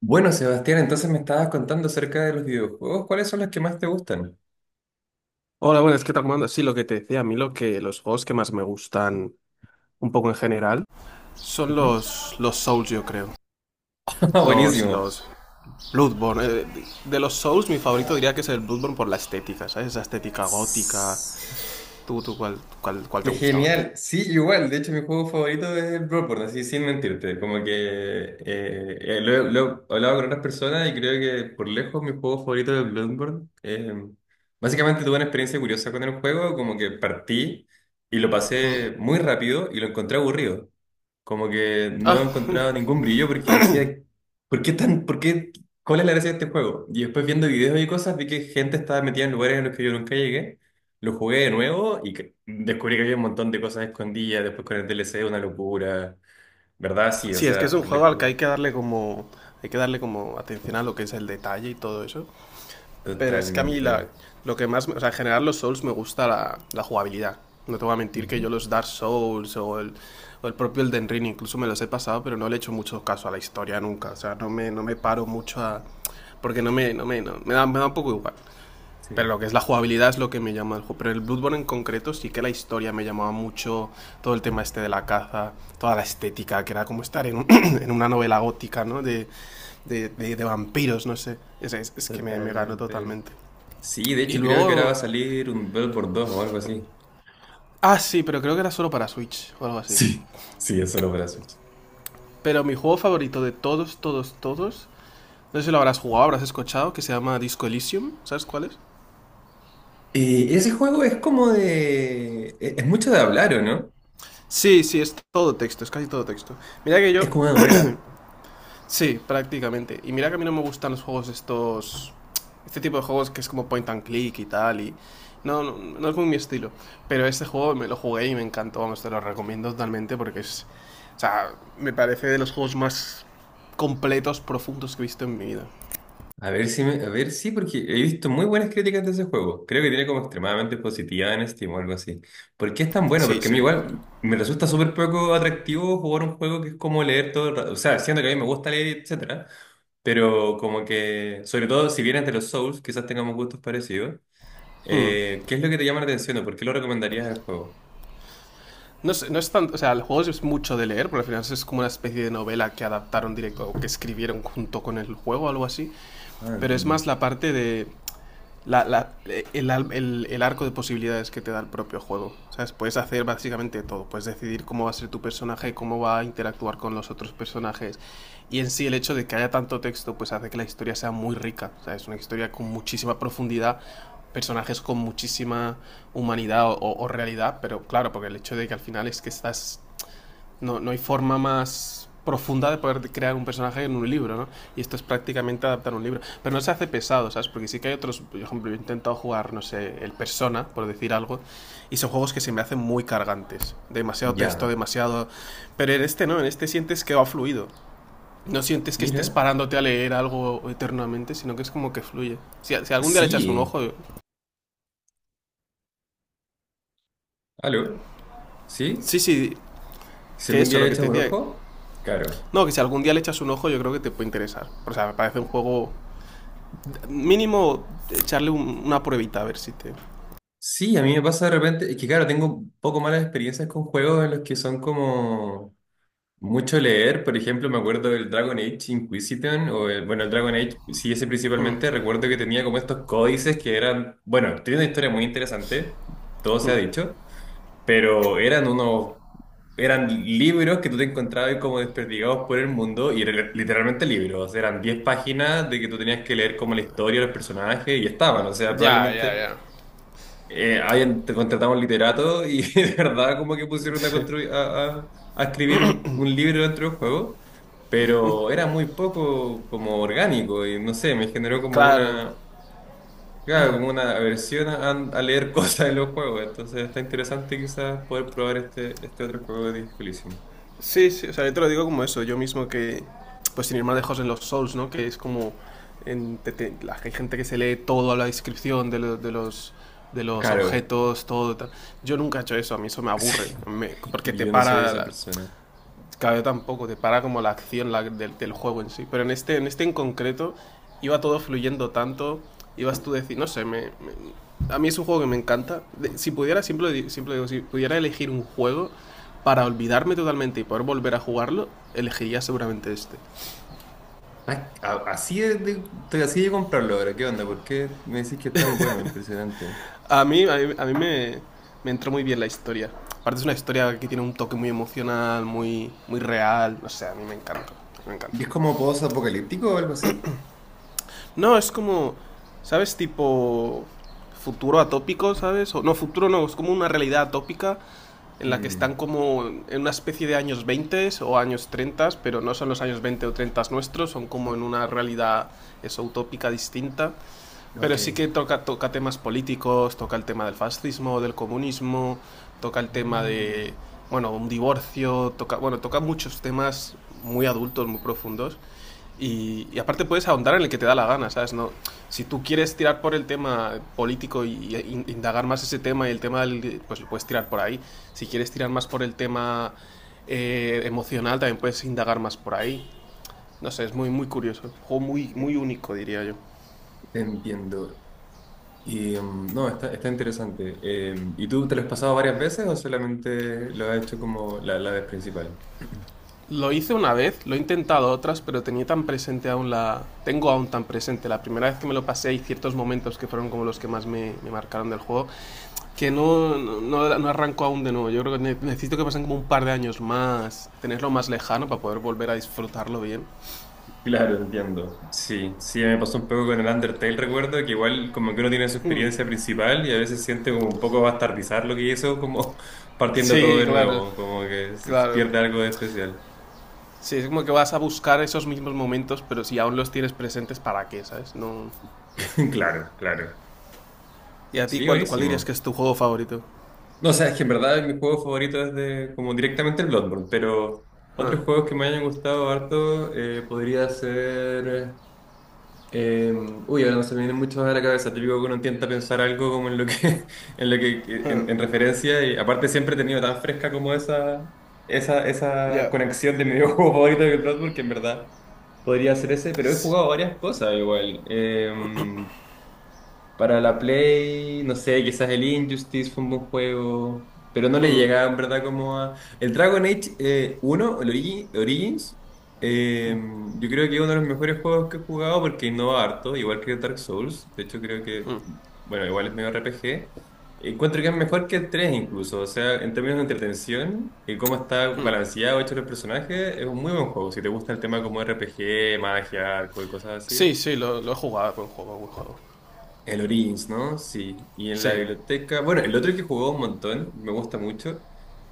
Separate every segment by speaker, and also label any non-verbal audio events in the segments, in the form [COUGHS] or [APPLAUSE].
Speaker 1: Bueno, Sebastián, entonces me estabas contando acerca de los videojuegos. ¿Cuáles son los que más te gustan?
Speaker 2: Hola, buenas, ¿qué tal, comando? Sí, lo que te decía, a mí los juegos que más me gustan un poco en general son
Speaker 1: Ujú.
Speaker 2: los Souls, yo creo.
Speaker 1: [LAUGHS]
Speaker 2: Los,
Speaker 1: Buenísimo.
Speaker 2: los Bloodborne. De los Souls, mi favorito diría que es el Bloodborne por la estética, ¿sabes? Esa estética gótica.
Speaker 1: S-
Speaker 2: ¿Tú cuál te
Speaker 1: Qué
Speaker 2: gustaba?
Speaker 1: genial. Sí, igual. De hecho, mi juego favorito es el Bloodborne, así sin mentirte. Como que lo he hablado con otras personas y creo que por lejos mi juego favorito es Bloodborne. Básicamente tuve una experiencia curiosa con el juego, como que partí y lo
Speaker 2: Mm.
Speaker 1: pasé muy rápido y lo encontré aburrido. Como que no
Speaker 2: Ah,
Speaker 1: encontraba ningún brillo porque decía, ¿por qué, cuál es la gracia de este juego? Y después viendo videos y cosas vi que gente estaba metida en lugares en los que yo nunca llegué. Lo jugué de nuevo y descubrí que había un montón de cosas escondidas. Después con el DLC, una locura. ¿Verdad? Sí, o
Speaker 2: sí, es que es
Speaker 1: sea,
Speaker 2: un
Speaker 1: por
Speaker 2: juego al que
Speaker 1: lejos,
Speaker 2: hay que darle como... Hay que darle como atención a lo que es el detalle y todo eso. Pero es que
Speaker 1: totalmente.
Speaker 2: lo que más... O sea, en general los Souls me gusta la jugabilidad. No te voy a mentir que yo
Speaker 1: Ujú.
Speaker 2: los Dark Souls o el propio Elden Ring incluso me los he pasado, pero no le he hecho mucho caso a la historia nunca. O sea, no me paro mucho a... Porque me da un poco igual. Pero
Speaker 1: Sí,
Speaker 2: lo que es la jugabilidad es lo que me llama el juego. Pero el Bloodborne en concreto sí que la historia me llamaba mucho. Todo el tema este de la caza, toda la estética, que era como estar en [CLEARS THROAT] [COUGHS] en una novela gótica, ¿no? De de vampiros, no sé. Es que me ganó
Speaker 1: totalmente.
Speaker 2: totalmente.
Speaker 1: Sí, de
Speaker 2: Y
Speaker 1: hecho creo que ahora va a
Speaker 2: luego.
Speaker 1: salir un Bloodborne dos o algo así.
Speaker 2: Ah, sí, pero creo que era solo para Switch o algo así.
Speaker 1: Sí, sí, es solo para Switch.
Speaker 2: Pero mi juego favorito de todos, todos, todos. No sé si lo habrás jugado, habrás escuchado, que se llama Disco Elysium. ¿Sabes cuál es?
Speaker 1: Y ese juego es como de... Es mucho de hablar, ¿o no?
Speaker 2: Sí, sí, es todo texto, es casi todo texto. Mira que
Speaker 1: Es
Speaker 2: yo.
Speaker 1: como una novela.
Speaker 2: Sí, prácticamente. Y mira que a mí no me gustan los juegos estos... Este tipo de juegos que es como point and click y tal, y... no es muy mi estilo. Pero este juego me lo jugué y me encantó, vamos, te lo recomiendo totalmente porque es... O sea, me parece de los juegos más completos, profundos que he visto en mi vida.
Speaker 1: A ver si me- A ver, sí, porque he visto muy buenas críticas de ese juego. Creo que tiene como extremadamente positiva en Steam o algo así. ¿Por qué es tan bueno?
Speaker 2: Sí,
Speaker 1: Porque a mí
Speaker 2: sí.
Speaker 1: igual me resulta súper poco atractivo jugar un juego que es como leer todo el rato. O sea, siendo que a mí me gusta leer, etcétera. Pero como que, sobre todo si vienes de los Souls, quizás tengamos gustos parecidos.
Speaker 2: Hmm.
Speaker 1: ¿Qué es lo que te llama la atención o por qué lo recomendarías al juego?
Speaker 2: No es tanto, o sea, el juego es mucho de leer, porque al final es como una especie de novela que adaptaron directo o que escribieron junto con el juego, algo así.
Speaker 1: Ah,
Speaker 2: Pero es
Speaker 1: entiendo.
Speaker 2: más la parte de la, la- el arco de posibilidades que te da el propio juego. ¿Sabes? Puedes hacer básicamente todo. Puedes decidir cómo va a ser tu personaje, cómo va a interactuar con los otros personajes. Y en sí el hecho de que haya tanto texto pues hace que la historia sea muy rica. O sea, es una historia con muchísima profundidad, personajes con muchísima humanidad o realidad, pero claro, porque el hecho de que al final es que estás no, no hay forma más profunda de poder crear un personaje en un libro, ¿no? Y esto es prácticamente adaptar un libro. Pero no se hace pesado, ¿sabes? Porque sí que hay otros, por ejemplo, yo he intentado jugar, no sé, el Persona, por decir algo, y son juegos que se me hacen muy cargantes. Demasiado texto,
Speaker 1: Ya.
Speaker 2: demasiado... Pero en este no, en este sientes que va fluido. No sientes que estés
Speaker 1: Mira.
Speaker 2: parándote a leer algo eternamente, sino que es como que fluye. Si algún día le echas un
Speaker 1: Sí.
Speaker 2: ojo...
Speaker 1: ¿Aló? ¿Sí?
Speaker 2: Sí, sí,
Speaker 1: Si
Speaker 2: que
Speaker 1: algún
Speaker 2: eso,
Speaker 1: día
Speaker 2: lo que
Speaker 1: echas
Speaker 2: te
Speaker 1: un
Speaker 2: decía.
Speaker 1: ojo, claro.
Speaker 2: No, que si algún día le echas un ojo yo creo que te puede interesar. O sea, me parece un juego. Mínimo echarle una pruebita a ver si te...
Speaker 1: Sí, a mí me pasa de repente, es que claro, tengo un poco malas experiencias con juegos en los que son como mucho leer, por ejemplo, me acuerdo del Dragon Age Inquisition, o el, bueno, el Dragon Age, sí, ese
Speaker 2: Mm.
Speaker 1: principalmente, recuerdo que tenía como estos códices que eran, bueno, tiene una historia muy interesante, todo se ha dicho, pero eran unos, eran libros que tú te encontrabas como desperdigados por el mundo y eran literalmente libros, eran 10 páginas de que tú tenías que leer como la historia, los personajes y estaban, o sea, probablemente
Speaker 2: Ya.
Speaker 1: hayan te contratado un literato y [LAUGHS] de verdad como que pusieron a,
Speaker 2: Sí,
Speaker 1: construir, a escribir un libro dentro del juego. Pero era muy poco como orgánico y no sé, me generó como
Speaker 2: claro.
Speaker 1: una, claro, como una aversión a leer [LAUGHS] cosas en los juegos. Entonces está interesante quizás poder probar este, este otro juego de Disco Elysium.
Speaker 2: Sí, sí, o sea, yo te lo digo como eso, yo mismo que, pues sin ir más lejos en los Souls, ¿no? Que es como, en, la, hay gente que se lee todo a la descripción de los
Speaker 1: Claro,
Speaker 2: objetos, todo tal. Yo nunca he hecho eso, a mí eso me
Speaker 1: [LAUGHS]
Speaker 2: aburre,
Speaker 1: sí,
Speaker 2: me- porque te
Speaker 1: yo no soy
Speaker 2: para
Speaker 1: esa
Speaker 2: la-
Speaker 1: persona.
Speaker 2: Claro, tampoco, te para como la acción la- del juego en sí. Pero en este en concreto, iba todo fluyendo tanto, ibas tú a decir, no sé, a mí es un juego que me encanta. De- si pudiera, siempre digo, si pudiera elegir un juego para olvidarme totalmente y poder volver a jugarlo, elegiría seguramente este.
Speaker 1: Ah, así de, estoy así de comprarlo ahora. ¿Qué onda? ¿Por qué me decís que es tan bueno? Impresionante.
Speaker 2: A mí me entró muy bien la historia. Aparte es una historia que tiene un toque muy emocional, muy real, no sé, a mí me encanta, me encanta.
Speaker 1: ¿Y es como post-apocalíptico o algo así?
Speaker 2: No, es como, ¿sabes? Tipo futuro atópico, ¿sabes? O, no, futuro no, es como una realidad atópica en la que están
Speaker 1: Mm,
Speaker 2: como en una especie de años 20 o años 30, pero no son los años 20 o 30 nuestros, son como en una realidad eso, utópica distinta.
Speaker 1: ok.
Speaker 2: Pero sí que toca, toca temas políticos, toca el tema del fascismo, del comunismo, toca el tema
Speaker 1: Mm,
Speaker 2: de, bueno, un divorcio, toca, bueno, toca muchos temas muy adultos, muy profundos. Y aparte puedes ahondar en el que te da la gana, ¿sabes? No, si tú quieres tirar por el tema político y indagar más ese tema y el tema del, pues puedes tirar por ahí. Si quieres tirar más por el tema emocional, también puedes indagar más por ahí. No sé, es muy, muy curioso. Un juego muy, muy único, diría yo.
Speaker 1: te entiendo. Y no, está, está interesante. ¿Y tú te lo has pasado varias veces o solamente lo has hecho como la vez principal?
Speaker 2: Lo hice una vez, lo he intentado otras, pero tenía tan presente aún la... Tengo aún tan presente la primera vez que me lo pasé y ciertos momentos que fueron como los que más me marcaron del juego, que no arranco aún de nuevo. Yo creo que necesito que pasen como un par de años más, tenerlo más lejano para poder volver a disfrutarlo bien.
Speaker 1: Claro, entiendo. Sí, sí, me pasó un poco con el Undertale, recuerdo que igual como que uno tiene su
Speaker 2: Hmm.
Speaker 1: experiencia principal y a veces siente como un poco bastardizar lo que hizo, como [LAUGHS] partiendo todo
Speaker 2: Sí,
Speaker 1: de
Speaker 2: claro,
Speaker 1: nuevo, como que se
Speaker 2: claro.
Speaker 1: pierde algo de especial.
Speaker 2: Sí, es como que vas a buscar esos mismos momentos, pero si aún los tienes presentes, ¿para qué, sabes? No...
Speaker 1: [LAUGHS] Claro, claro.
Speaker 2: ¿Y a ti
Speaker 1: Sí,
Speaker 2: cuál, dirías
Speaker 1: buenísimo.
Speaker 2: que es tu juego favorito?
Speaker 1: No, o sea, es que en verdad mi juego favorito es de, como directamente el Bloodborne, pero
Speaker 2: Ah,
Speaker 1: otros juegos que me hayan gustado harto podría ser... Eh, uy, ahora no se me vienen muchos a la cabeza. Típico que uno intenta pensar algo como en lo que, [LAUGHS] en lo que,
Speaker 2: ah,
Speaker 1: en referencia. Y aparte siempre he tenido tan fresca como esa, esa,
Speaker 2: ya.
Speaker 1: esa
Speaker 2: Yeah.
Speaker 1: conexión de mi videojuego [LAUGHS] favorito de Bloodborne, que en verdad podría ser ese, pero he jugado varias cosas igual. Para la Play, no sé, quizás el Injustice fue un buen juego, pero no le
Speaker 2: Hmm,
Speaker 1: llegaba en verdad como a... El Dragon Age 1, el Origins, eh, yo creo que es uno de los mejores juegos que he jugado porque innova harto, igual que Dark Souls. De hecho, creo que,
Speaker 2: hmm.
Speaker 1: bueno, igual es medio RPG. Encuentro que es mejor que el 3 incluso, o sea, en términos de entretención y cómo está balanceado, hecho los personajes, es un muy buen juego. Si te gusta el tema como RPG, magia, arco y cosas
Speaker 2: Sí,
Speaker 1: así,
Speaker 2: sí, lo he jugado, buen juego, buen juego.
Speaker 1: el Origins, ¿no? Sí. Y en la
Speaker 2: Sí.
Speaker 1: biblioteca, bueno, el otro que jugó un montón, me gusta mucho,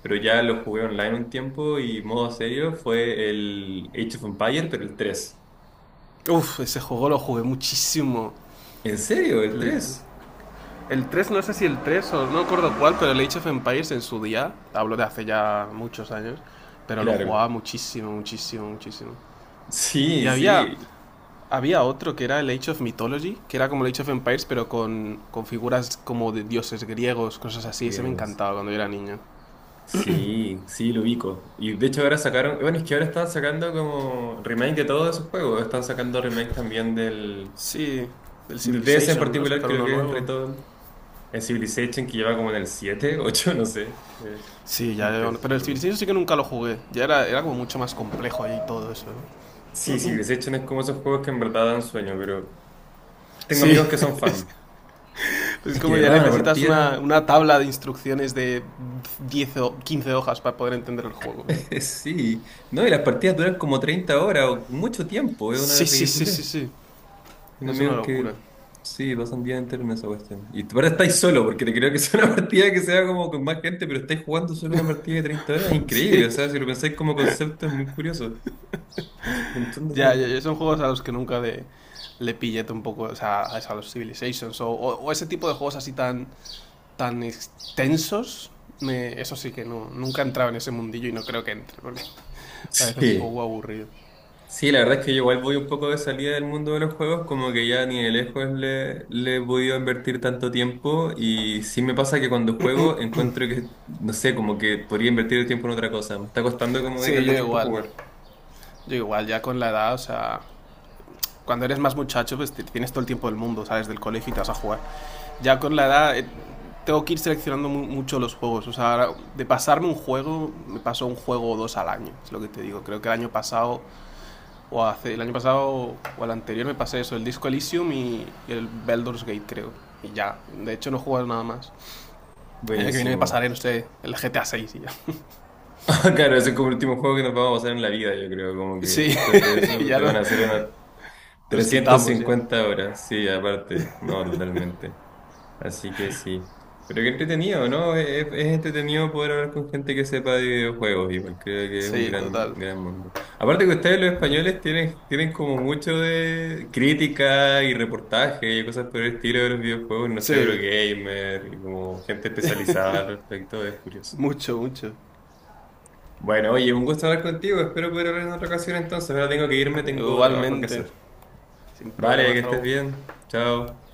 Speaker 1: pero ya lo jugué online un tiempo y modo serio fue el Age of Empires, pero el 3.
Speaker 2: Uf, ese juego lo jugué muchísimo.
Speaker 1: ¿En serio? ¿El
Speaker 2: Le-
Speaker 1: 3?
Speaker 2: el 3, no sé si el 3 o no recuerdo cuál, pero el Age of Empires en su día, hablo de hace ya muchos años, pero lo
Speaker 1: Claro.
Speaker 2: jugaba
Speaker 1: [LAUGHS]
Speaker 2: muchísimo, muchísimo, muchísimo. Y
Speaker 1: Sí,
Speaker 2: había,
Speaker 1: sí.
Speaker 2: había otro que era el Age of Mythology, que era como el Age of Empires, pero con figuras como de dioses griegos, cosas así. Ese me
Speaker 1: Griegos.
Speaker 2: encantaba cuando yo era niño.
Speaker 1: Sí, sí, lo ubico. Y de hecho ahora sacaron, bueno, es que ahora están sacando como remake de todos esos juegos. Están sacando remake también del...
Speaker 2: Sí, el
Speaker 1: De ese en
Speaker 2: Civilization, ¿no?
Speaker 1: particular
Speaker 2: Sacar
Speaker 1: creo
Speaker 2: uno
Speaker 1: que es el
Speaker 2: nuevo.
Speaker 1: reto, el Civilization que lleva como en el 7, [LAUGHS] 8, no sé.
Speaker 2: Sí, ya.
Speaker 1: Intenso ese
Speaker 2: Pero el
Speaker 1: juego.
Speaker 2: Civilization sí que nunca lo jugué. Era como mucho más complejo ahí todo eso. ¿No?
Speaker 1: Sí, sí, Civilization es como esos juegos que en verdad dan sueño, pero tengo amigos
Speaker 2: Sí,
Speaker 1: que son
Speaker 2: [LAUGHS] es,
Speaker 1: fan.
Speaker 2: es
Speaker 1: Es que
Speaker 2: como
Speaker 1: de
Speaker 2: ya
Speaker 1: verdad una
Speaker 2: necesitas
Speaker 1: partida,
Speaker 2: una tabla de instrucciones de 10 o 15 hojas para poder entender el juego. ¿No?
Speaker 1: [LAUGHS] sí, no, y las partidas duran como 30 horas o mucho tiempo, es una
Speaker 2: Sí, sí, sí,
Speaker 1: ridiculez.
Speaker 2: sí, sí. Eso
Speaker 1: Tengo
Speaker 2: es una
Speaker 1: amigos
Speaker 2: locura.
Speaker 1: que, sí, pasan día entero en esa cuestión. Y ahora estáis solo, porque te creo que es una [LAUGHS] partida que sea como con más gente, pero estáis jugando solo una partida de 30 horas, es increíble, o
Speaker 2: [LAUGHS] Sí,
Speaker 1: sea, si lo pensáis como concepto es muy curioso. Un montón de
Speaker 2: ya,
Speaker 1: tiempo.
Speaker 2: ya, ya son juegos a los que nunca le pillé un poco, o sea, a los Civilizations o ese tipo de juegos así tan, tan extensos. Me- eso sí que no, nunca he entrado en ese mundillo y no creo que entre, porque [LAUGHS] parece un
Speaker 1: Sí.
Speaker 2: poco aburrido.
Speaker 1: Sí, la verdad es que yo igual voy un poco de salida del mundo de los juegos, como que ya ni de lejos le he podido invertir tanto tiempo y sí me pasa que cuando juego encuentro que, no sé, como que podría invertir el tiempo en otra cosa. Me está costando como
Speaker 2: Sí,
Speaker 1: dejarle
Speaker 2: yo
Speaker 1: tiempo a
Speaker 2: igual.
Speaker 1: jugar.
Speaker 2: Yo igual, ya con la edad, o sea, cuando eres más muchacho, pues te- tienes todo el tiempo del mundo, sales del colegio y te vas a jugar. Ya con la edad, tengo que ir seleccionando mucho los juegos. O sea, ahora, de pasarme un juego, me paso un juego o dos al año, es lo que te digo. Creo que el año pasado, o hace, el año pasado o el anterior me pasé eso, el Disco Elysium y el Baldur's Gate, creo. Y ya, de hecho no he jugado nada más. El año que viene me
Speaker 1: Buenísimo.
Speaker 2: pasaré, no sé, el GTA 6 y ya. [LAUGHS]
Speaker 1: [LAUGHS] Claro, ese es como el último juego que nos vamos a pasar en la vida, yo creo, como que
Speaker 2: Sí,
Speaker 1: después de
Speaker 2: [LAUGHS]
Speaker 1: eso
Speaker 2: ya
Speaker 1: te van
Speaker 2: no-
Speaker 1: a hacer unas
Speaker 2: nos
Speaker 1: trescientas
Speaker 2: quitamos ya.
Speaker 1: cincuenta horas, sí, aparte, no, totalmente. Así que sí. Pero qué entretenido, ¿no? Es entretenido poder hablar con gente que sepa de videojuegos, igual creo que es un
Speaker 2: Sí,
Speaker 1: gran,
Speaker 2: total.
Speaker 1: gran mundo. Aparte que ustedes los españoles tienen, tienen como mucho de crítica y reportaje y cosas por el estilo de los videojuegos, no sé,
Speaker 2: Sí,
Speaker 1: Eurogamer, y como gente especializada al respecto, es curioso.
Speaker 2: mucho, mucho.
Speaker 1: Bueno, oye, un gusto hablar contigo, espero poder hablar en otra ocasión entonces, ahora tengo que irme, tengo trabajo que
Speaker 2: Igualmente,
Speaker 1: hacer.
Speaker 2: sin
Speaker 1: Vale,
Speaker 2: problemas.
Speaker 1: que estés
Speaker 2: Hasta
Speaker 1: bien, chao.